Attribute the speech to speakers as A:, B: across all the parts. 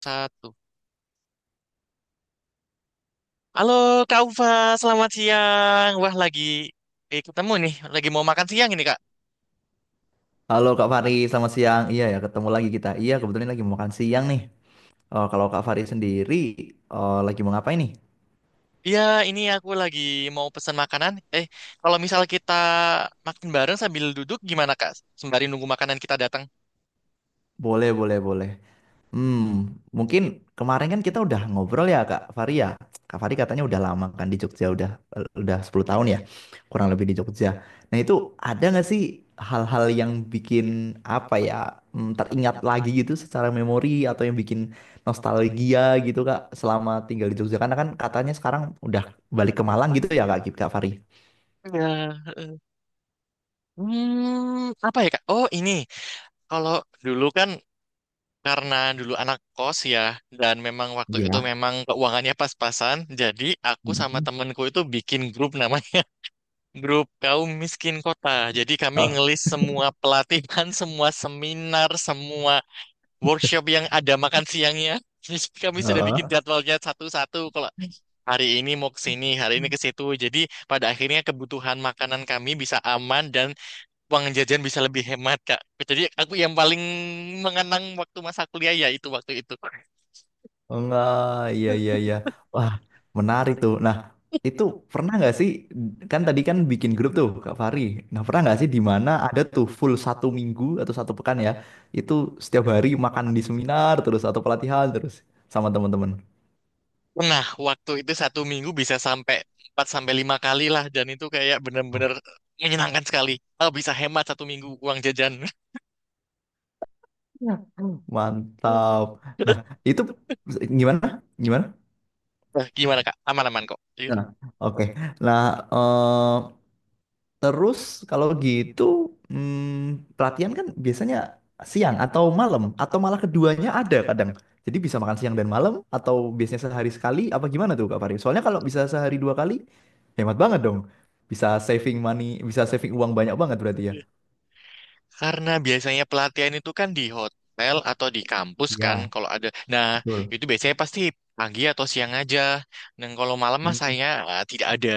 A: Satu. Halo Kak Ufa, selamat siang. Wah lagi ketemu nih, lagi mau makan siang ini Kak.
B: Halo Kak Fari, selamat siang. Iya ya, ketemu lagi kita. Iya, kebetulan lagi mau makan siang nih. Oh, kalau Kak Fari sendiri, oh, lagi mau ngapain nih?
A: Iya, ini aku lagi mau pesan makanan. Kalau misal kita makan bareng sambil duduk gimana Kak? Sembari nunggu makanan kita datang.
B: Boleh, boleh, boleh. Hmm, mungkin kemarin kan kita udah ngobrol ya. Kak Fari katanya udah lama kan di Jogja, udah 10 tahun ya, kurang lebih di Jogja. Nah, itu ada nggak sih hal-hal yang bikin apa ya teringat lagi gitu secara memori atau yang bikin nostalgia gitu Kak selama tinggal di Jogja? Karena kan katanya sekarang udah balik ke Malang gitu ya Kak, Kak Fari?
A: Iya. eh. Apa ya Kak? Oh ini, kalau dulu kan karena dulu anak kos ya, dan memang waktu itu
B: Iya.
A: memang keuangannya pas-pasan, jadi aku sama
B: Mhm.
A: temenku itu bikin grup namanya. Grup kaum miskin kota. Jadi kami
B: Oh,
A: ngelis semua pelatihan, semua seminar, semua workshop yang ada makan siangnya. Jadi kami sudah bikin
B: heeh.
A: jadwalnya satu-satu. Kalau hari ini mau ke sini, hari ini ke situ. Jadi pada akhirnya kebutuhan makanan kami bisa aman dan uang jajan bisa lebih hemat, Kak. Jadi aku yang paling mengenang waktu masa kuliah ya itu waktu itu.
B: Oh, enggak, iya, iya, iya. Wah, menarik tuh. Nah, itu pernah nggak sih, kan tadi kan bikin grup tuh Kak Fahri. Nah, pernah nggak sih di mana ada tuh full satu minggu atau satu pekan ya, itu setiap hari makan di seminar terus atau pelatihan terus sama teman-teman.
A: Nah, waktu itu satu minggu bisa sampai 4 sampai 5 kali lah dan itu kayak
B: Oh,
A: bener-bener menyenangkan sekali. Oh, bisa hemat satu minggu uang jajan.
B: iya. Mantap. Nah, itu gimana? Gimana?
A: Nah, gimana Kak? Aman-aman kok. Gitu.
B: Nah, oke. Nah, eh, terus kalau gitu pelatihan kan biasanya siang atau malam atau malah keduanya ada kadang. Jadi bisa makan siang dan malam atau biasanya sehari sekali apa gimana tuh Kak Fari? Soalnya kalau bisa sehari dua kali hemat banget dong. Bisa saving money, bisa saving uang banyak banget berarti ya.
A: Karena biasanya pelatihan itu kan di hotel atau di kampus kan
B: Iya,
A: kalau ada. Nah,
B: betul.
A: itu biasanya pasti pagi atau siang aja. Dan kalau malam mah
B: Mm,
A: saya tidak ada.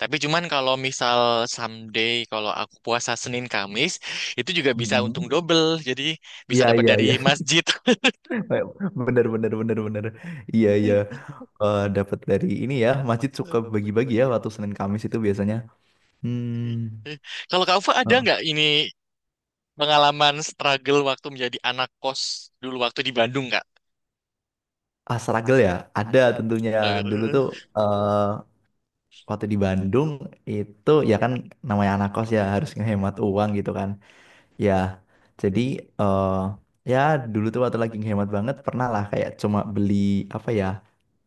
A: Tapi cuman kalau misal someday kalau aku puasa Senin Kamis, itu juga bisa untung
B: mm,
A: double. Jadi bisa
B: iya,
A: dapat
B: iya, iya.
A: dari masjid.
B: Bener, bener, bener, bener. Iya, iya. Eh, dapat dari ini ya. Masjid suka bagi-bagi ya waktu Senin Kamis itu biasanya. Hmm.
A: Kalau kamu ada nggak ini pengalaman struggle waktu menjadi anak kos dulu waktu di Bandung kak?
B: Ah, struggle ya, ada tentunya. Dulu tuh eh waktu di Bandung itu, ya kan, namanya anak kos ya harus ngehemat uang gitu kan. Ya, jadi eh ya dulu tuh waktu lagi hemat banget pernah lah kayak cuma beli apa ya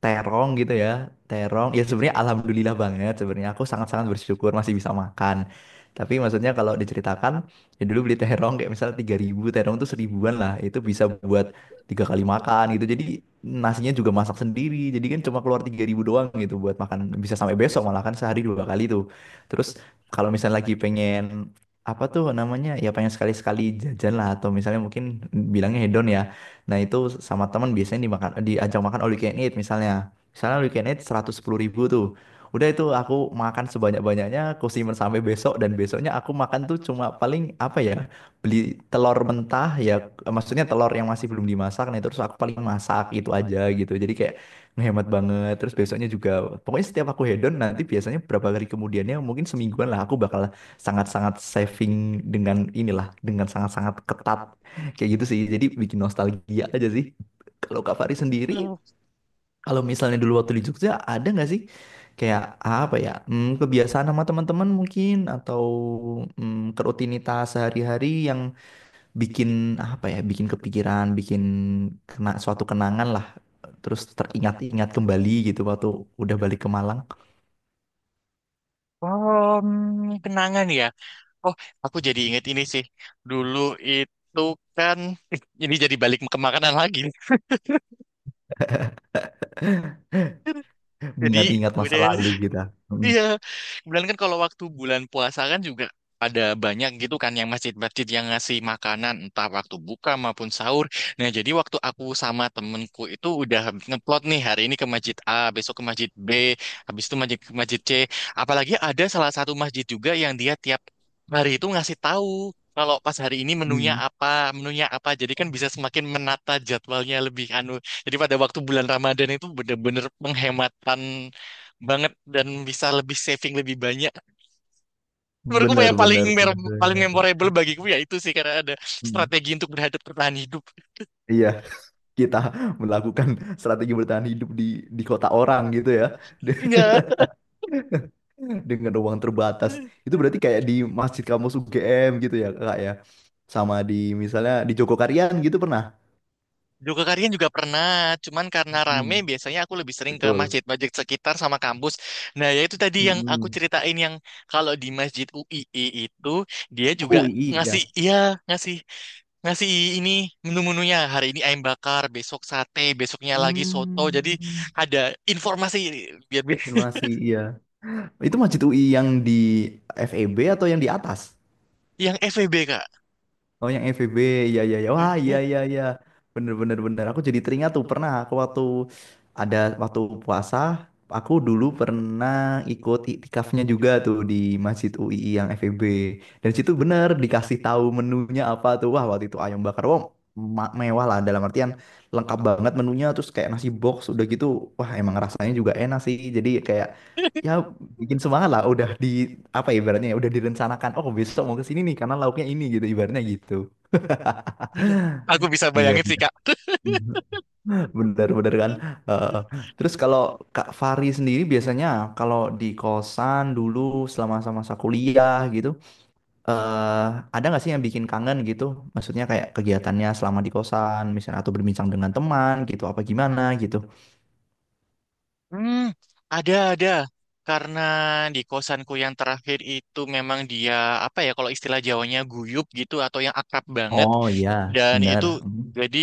B: terong gitu ya, terong. Ya sebenarnya alhamdulillah banget, sebenarnya aku sangat-sangat bersyukur masih bisa makan. Tapi maksudnya kalau diceritakan, ya dulu beli terong kayak misalnya tiga ribu, terong tuh seribuan lah, itu bisa buat tiga kali makan gitu. Jadi nasinya juga masak sendiri. Jadi kan cuma keluar 3000 doang gitu, buat makan bisa sampai besok malah, kan sehari dua kali tuh. Terus kalau misalnya lagi pengen apa tuh namanya, ya pengen sekali-sekali jajan lah, atau misalnya mungkin bilangnya hedon ya, nah itu sama teman biasanya dimakan, diajak makan all you can eat, misalnya misalnya all you can eat 110 ribu tuh, udah itu aku makan sebanyak-banyaknya, aku simpen sampai besok, dan besoknya aku makan tuh cuma paling apa ya, beli telur mentah ya, maksudnya telur yang masih belum dimasak, nah terus aku paling masak itu aja gitu. Jadi kayak ngehemat banget. Terus besoknya juga, pokoknya setiap aku hedon, nanti biasanya berapa hari kemudiannya, mungkin semingguan lah, aku bakal sangat-sangat saving, dengan inilah, dengan sangat-sangat ketat kayak gitu sih. Jadi bikin nostalgia aja sih. Kalau Kak Fari sendiri, kalau misalnya dulu waktu di Jogja, ada nggak sih kayak apa ya, kebiasaan sama teman-teman mungkin atau kerutinitas sehari-hari yang bikin apa ya, bikin kepikiran, bikin kena suatu kenangan lah, terus teringat-ingat kembali gitu waktu udah balik ke Malang?
A: Oh, kenangan ya. Oh, aku jadi inget ini sih. Dulu itu kan ini jadi balik ke makanan lagi. Jadi
B: Mengingat-ingat masa
A: udah
B: lalu gitu.
A: Iya, kemudian kan kalau waktu bulan puasa kan juga ada banyak gitu kan yang masjid-masjid yang ngasih makanan entah waktu buka maupun sahur. Nah, jadi waktu aku sama temenku itu udah ngeplot nih hari ini ke masjid A, besok ke masjid B, habis itu masjid ke masjid C. Apalagi ada salah satu masjid juga yang dia tiap hari itu ngasih tahu kalau pas hari ini menunya
B: Mm.
A: apa, menunya apa. Jadi kan bisa semakin menata jadwalnya lebih anu. Jadi pada waktu bulan Ramadan itu bener-bener penghematan banget dan bisa lebih saving lebih banyak. Menurutku
B: Benar,
A: yang paling
B: benar, benar,
A: paling
B: benar.
A: memorable bagiku ya itu sih karena ada
B: Hmm.
A: strategi untuk bertahan hidup.
B: Iya, kita melakukan strategi bertahan hidup di kota orang gitu ya.
A: Iya.
B: Dengan uang terbatas. Itu berarti kayak di Masjid Kampus UGM gitu ya, Kak ya. Sama di misalnya di Jogokarian gitu pernah.
A: Juga kalian juga pernah, cuman karena
B: Mm,
A: rame biasanya aku lebih sering ke
B: betul.
A: masjid-masjid sekitar sama kampus. Nah, ya itu tadi yang aku
B: Mm-mm.
A: ceritain yang kalau di Masjid UII itu dia juga
B: UI ya.
A: ngasih, iya, ngasih ngasih ini menu-menunya hari ini ayam bakar, besok sate, besoknya lagi soto. Jadi
B: Hmm.
A: ada informasi biar...
B: Simulasi iya. Itu Masjid UI yang di FEB atau yang di atas?
A: Yang FEB, Kak.
B: Oh yang FVB, iya, iya, iya. Wah, iya, iya, iya. Bener, bener, bener. Aku jadi teringat tuh pernah aku ada waktu puasa, aku dulu pernah ikut iktikafnya juga tuh di Masjid UII yang FVB. Dan situ bener dikasih tahu menunya apa tuh. Wah, waktu itu ayam bakar. Wah, mewah lah, dalam artian lengkap banget menunya, terus kayak nasi box udah gitu. Wah, emang rasanya juga enak sih. Jadi kayak ya bikin semangat lah, udah di apa ya, ibaratnya ya udah direncanakan, oh besok mau ke sini nih karena lauknya ini gitu, ibaratnya gitu,
A: Iya. Aku bisa
B: iya,
A: bayangin sih,
B: iya.
A: Kak.
B: Bener-bener kan. Eh, terus kalau Kak Fari sendiri biasanya kalau di kosan dulu selama masa kuliah gitu, eh ada nggak sih yang bikin kangen gitu, maksudnya kayak kegiatannya selama di kosan misalnya, atau berbincang dengan teman gitu, apa gimana gitu?
A: Hmm, ada, ada. Karena di kosanku yang terakhir itu memang dia, apa ya, kalau istilah Jawanya guyup gitu, atau yang akrab banget.
B: Oh iya,
A: Dan
B: benar.
A: itu,
B: Mm.
A: jadi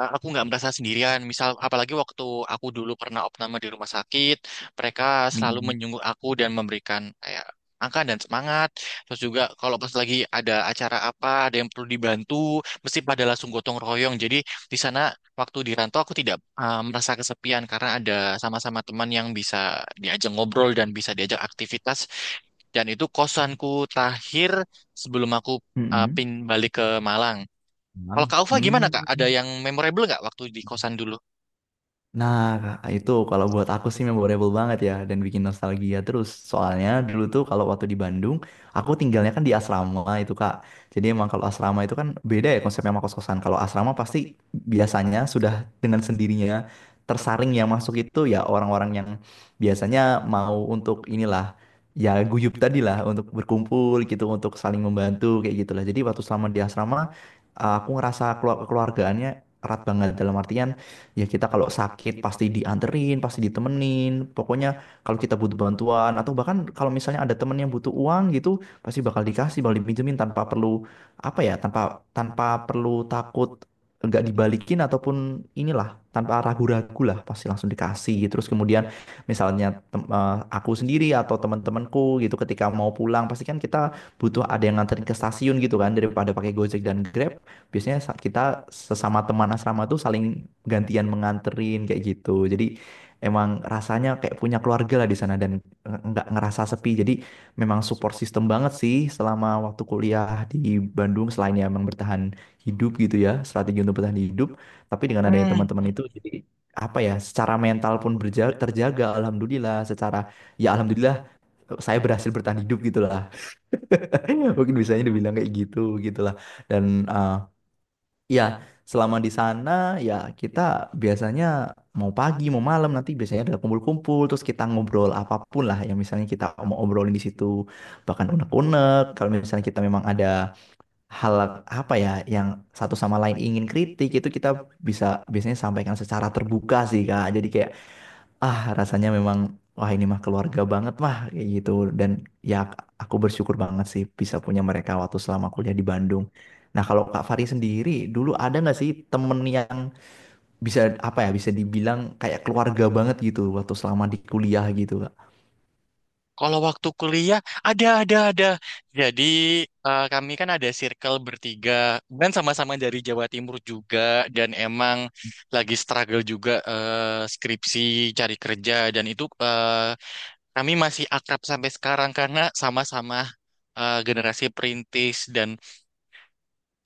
A: aku nggak merasa sendirian. Misal, apalagi waktu aku dulu pernah opname di rumah sakit, mereka selalu
B: Mm-mm.
A: menjenguk aku dan memberikan kayak angka dan semangat. Terus juga kalau pas lagi ada acara apa, ada yang perlu dibantu, mesti pada langsung gotong royong. Jadi di sana. Waktu di rantau aku tidak merasa kesepian karena ada sama-sama teman yang bisa diajak ngobrol dan bisa diajak aktivitas. Dan itu kosanku terakhir sebelum aku
B: Mm-mm.
A: pin balik ke Malang. Kalau
B: Emang.
A: Kak Ufa gimana Kak?
B: Hmm.
A: Ada yang memorable nggak waktu di kosan dulu?
B: Nah, Kak, itu kalau buat aku sih memorable banget ya, dan bikin nostalgia terus. Soalnya dulu tuh kalau waktu di Bandung, aku tinggalnya kan di asrama itu Kak. Jadi emang kalau asrama itu kan beda ya konsepnya sama kos-kosan. Kalau asrama pasti biasanya sudah dengan sendirinya tersaring yang masuk itu ya orang-orang yang biasanya mau untuk inilah, ya guyup tadi lah, untuk berkumpul gitu, untuk saling membantu kayak gitulah. Jadi waktu selama di asrama, aku ngerasa keluargaannya erat banget, dalam artian ya kita kalau sakit pasti dianterin, pasti ditemenin. Pokoknya kalau kita butuh bantuan, atau bahkan kalau misalnya ada temen yang butuh uang gitu, pasti bakal dikasih, bakal dipinjemin tanpa perlu apa ya, tanpa tanpa perlu takut nggak dibalikin, ataupun inilah, tanpa ragu-ragu lah pasti langsung dikasih gitu. Terus kemudian misalnya aku sendiri atau teman-temanku gitu ketika mau pulang pasti kan kita butuh ada yang nganterin ke stasiun gitu kan, daripada pakai Gojek dan Grab, biasanya kita sesama teman asrama tuh saling gantian menganterin kayak gitu. Jadi emang rasanya kayak punya keluarga lah di sana dan nggak ngerasa sepi. Jadi memang support system banget sih selama waktu kuliah di Bandung, selain ya emang bertahan hidup gitu ya, strategi untuk bertahan hidup. Tapi dengan adanya
A: Hmm.
B: teman-teman itu jadi apa ya, secara mental pun terjaga, alhamdulillah. Secara ya alhamdulillah, saya berhasil bertahan hidup gitu lah. Mungkin bisanya dibilang kayak gitu gitulah, dan eh, ya, selama di sana ya kita biasanya mau pagi mau malam nanti biasanya ada kumpul-kumpul, terus kita ngobrol apapun lah yang misalnya kita mau obrolin di situ, bahkan unek-unek, kalau misalnya kita memang ada hal apa ya, yang satu sama lain ingin kritik, itu kita bisa biasanya sampaikan secara terbuka sih Kak. Jadi kayak ah, rasanya memang, wah ini mah keluarga banget mah, kayak gitu. Dan ya aku bersyukur banget sih bisa punya mereka waktu selama kuliah di Bandung. Nah kalau Kak Fari sendiri, dulu ada nggak sih temen yang bisa apa ya, bisa dibilang kayak keluarga banget gitu waktu selama di kuliah gitu Kak?
A: Kalau waktu kuliah ada, ada, ada. Jadi kami kan ada circle bertiga dan sama-sama dari Jawa Timur juga dan emang lagi struggle juga skripsi cari kerja dan itu kami masih akrab sampai sekarang karena sama-sama generasi perintis dan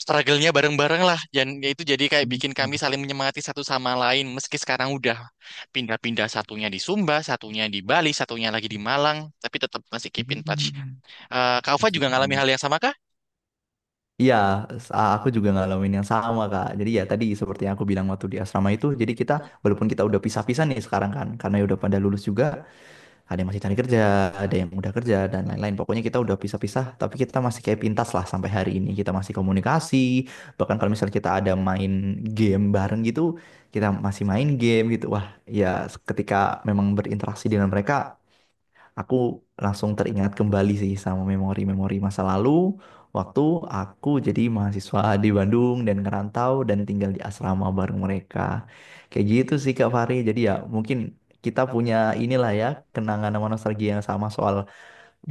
A: struggle-nya bareng-bareng lah. Dan ya itu jadi kayak bikin kami
B: Hmm,
A: saling menyemangati satu sama lain. Meski sekarang udah pindah-pindah satunya di Sumba, satunya di Bali, satunya lagi di Malang, tapi tetap masih keep in touch.
B: hmm,
A: Kak Ufa
B: asik.
A: juga ngalami hal yang sama kah?
B: Iya, aku juga ngalamin yang sama, Kak. Jadi ya tadi seperti yang aku bilang waktu di asrama itu, jadi kita, walaupun kita udah pisah-pisah nih sekarang kan, karena ya udah pada lulus juga, ada yang masih cari kerja, ada yang udah kerja dan lain-lain. Pokoknya kita udah pisah-pisah, tapi kita masih kayak pintas lah sampai hari ini. Kita masih komunikasi, bahkan kalau misalnya kita ada main game bareng gitu, kita masih main game gitu. Wah, ya ketika memang berinteraksi dengan mereka, aku langsung teringat kembali sih sama memori-memori masa lalu waktu aku jadi mahasiswa di Bandung dan ngerantau dan tinggal di asrama bareng mereka. Kayak gitu sih Kak Fahri. Jadi ya mungkin kita punya inilah ya, kenangan sama nostalgia yang sama soal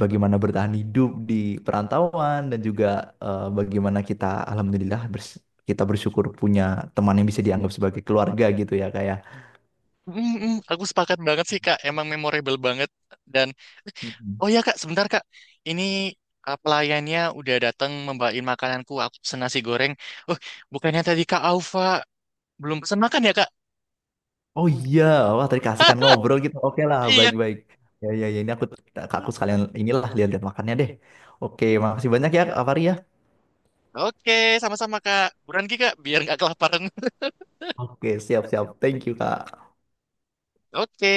B: bagaimana bertahan hidup di perantauan, dan juga bagaimana kita alhamdulillah kita bersyukur punya teman yang bisa dianggap sebagai keluarga gitu ya,
A: Aku sepakat banget sih Kak, emang memorable banget dan...
B: kayak.
A: Oh iya kak, sebentar kak. Ini pelayannya udah datang membawain makananku. Aku pesen nasi goreng. Oh, bukannya tadi kak Alfa belum pesen makan ya kak?
B: Oh iya, wah tadi kasih kan ngobrol gitu. Oke lah,
A: Iya.
B: baik-baik. Ya, ya, ya, ini aku, sekalian inilah lihat-lihat makannya deh. Oke, makasih banyak ya, Kak Fahri ya.
A: Oke, sama-sama kak. Buruan kak, biar nggak kelaparan.
B: Oke, siap-siap. Thank you, Kak.
A: Oke.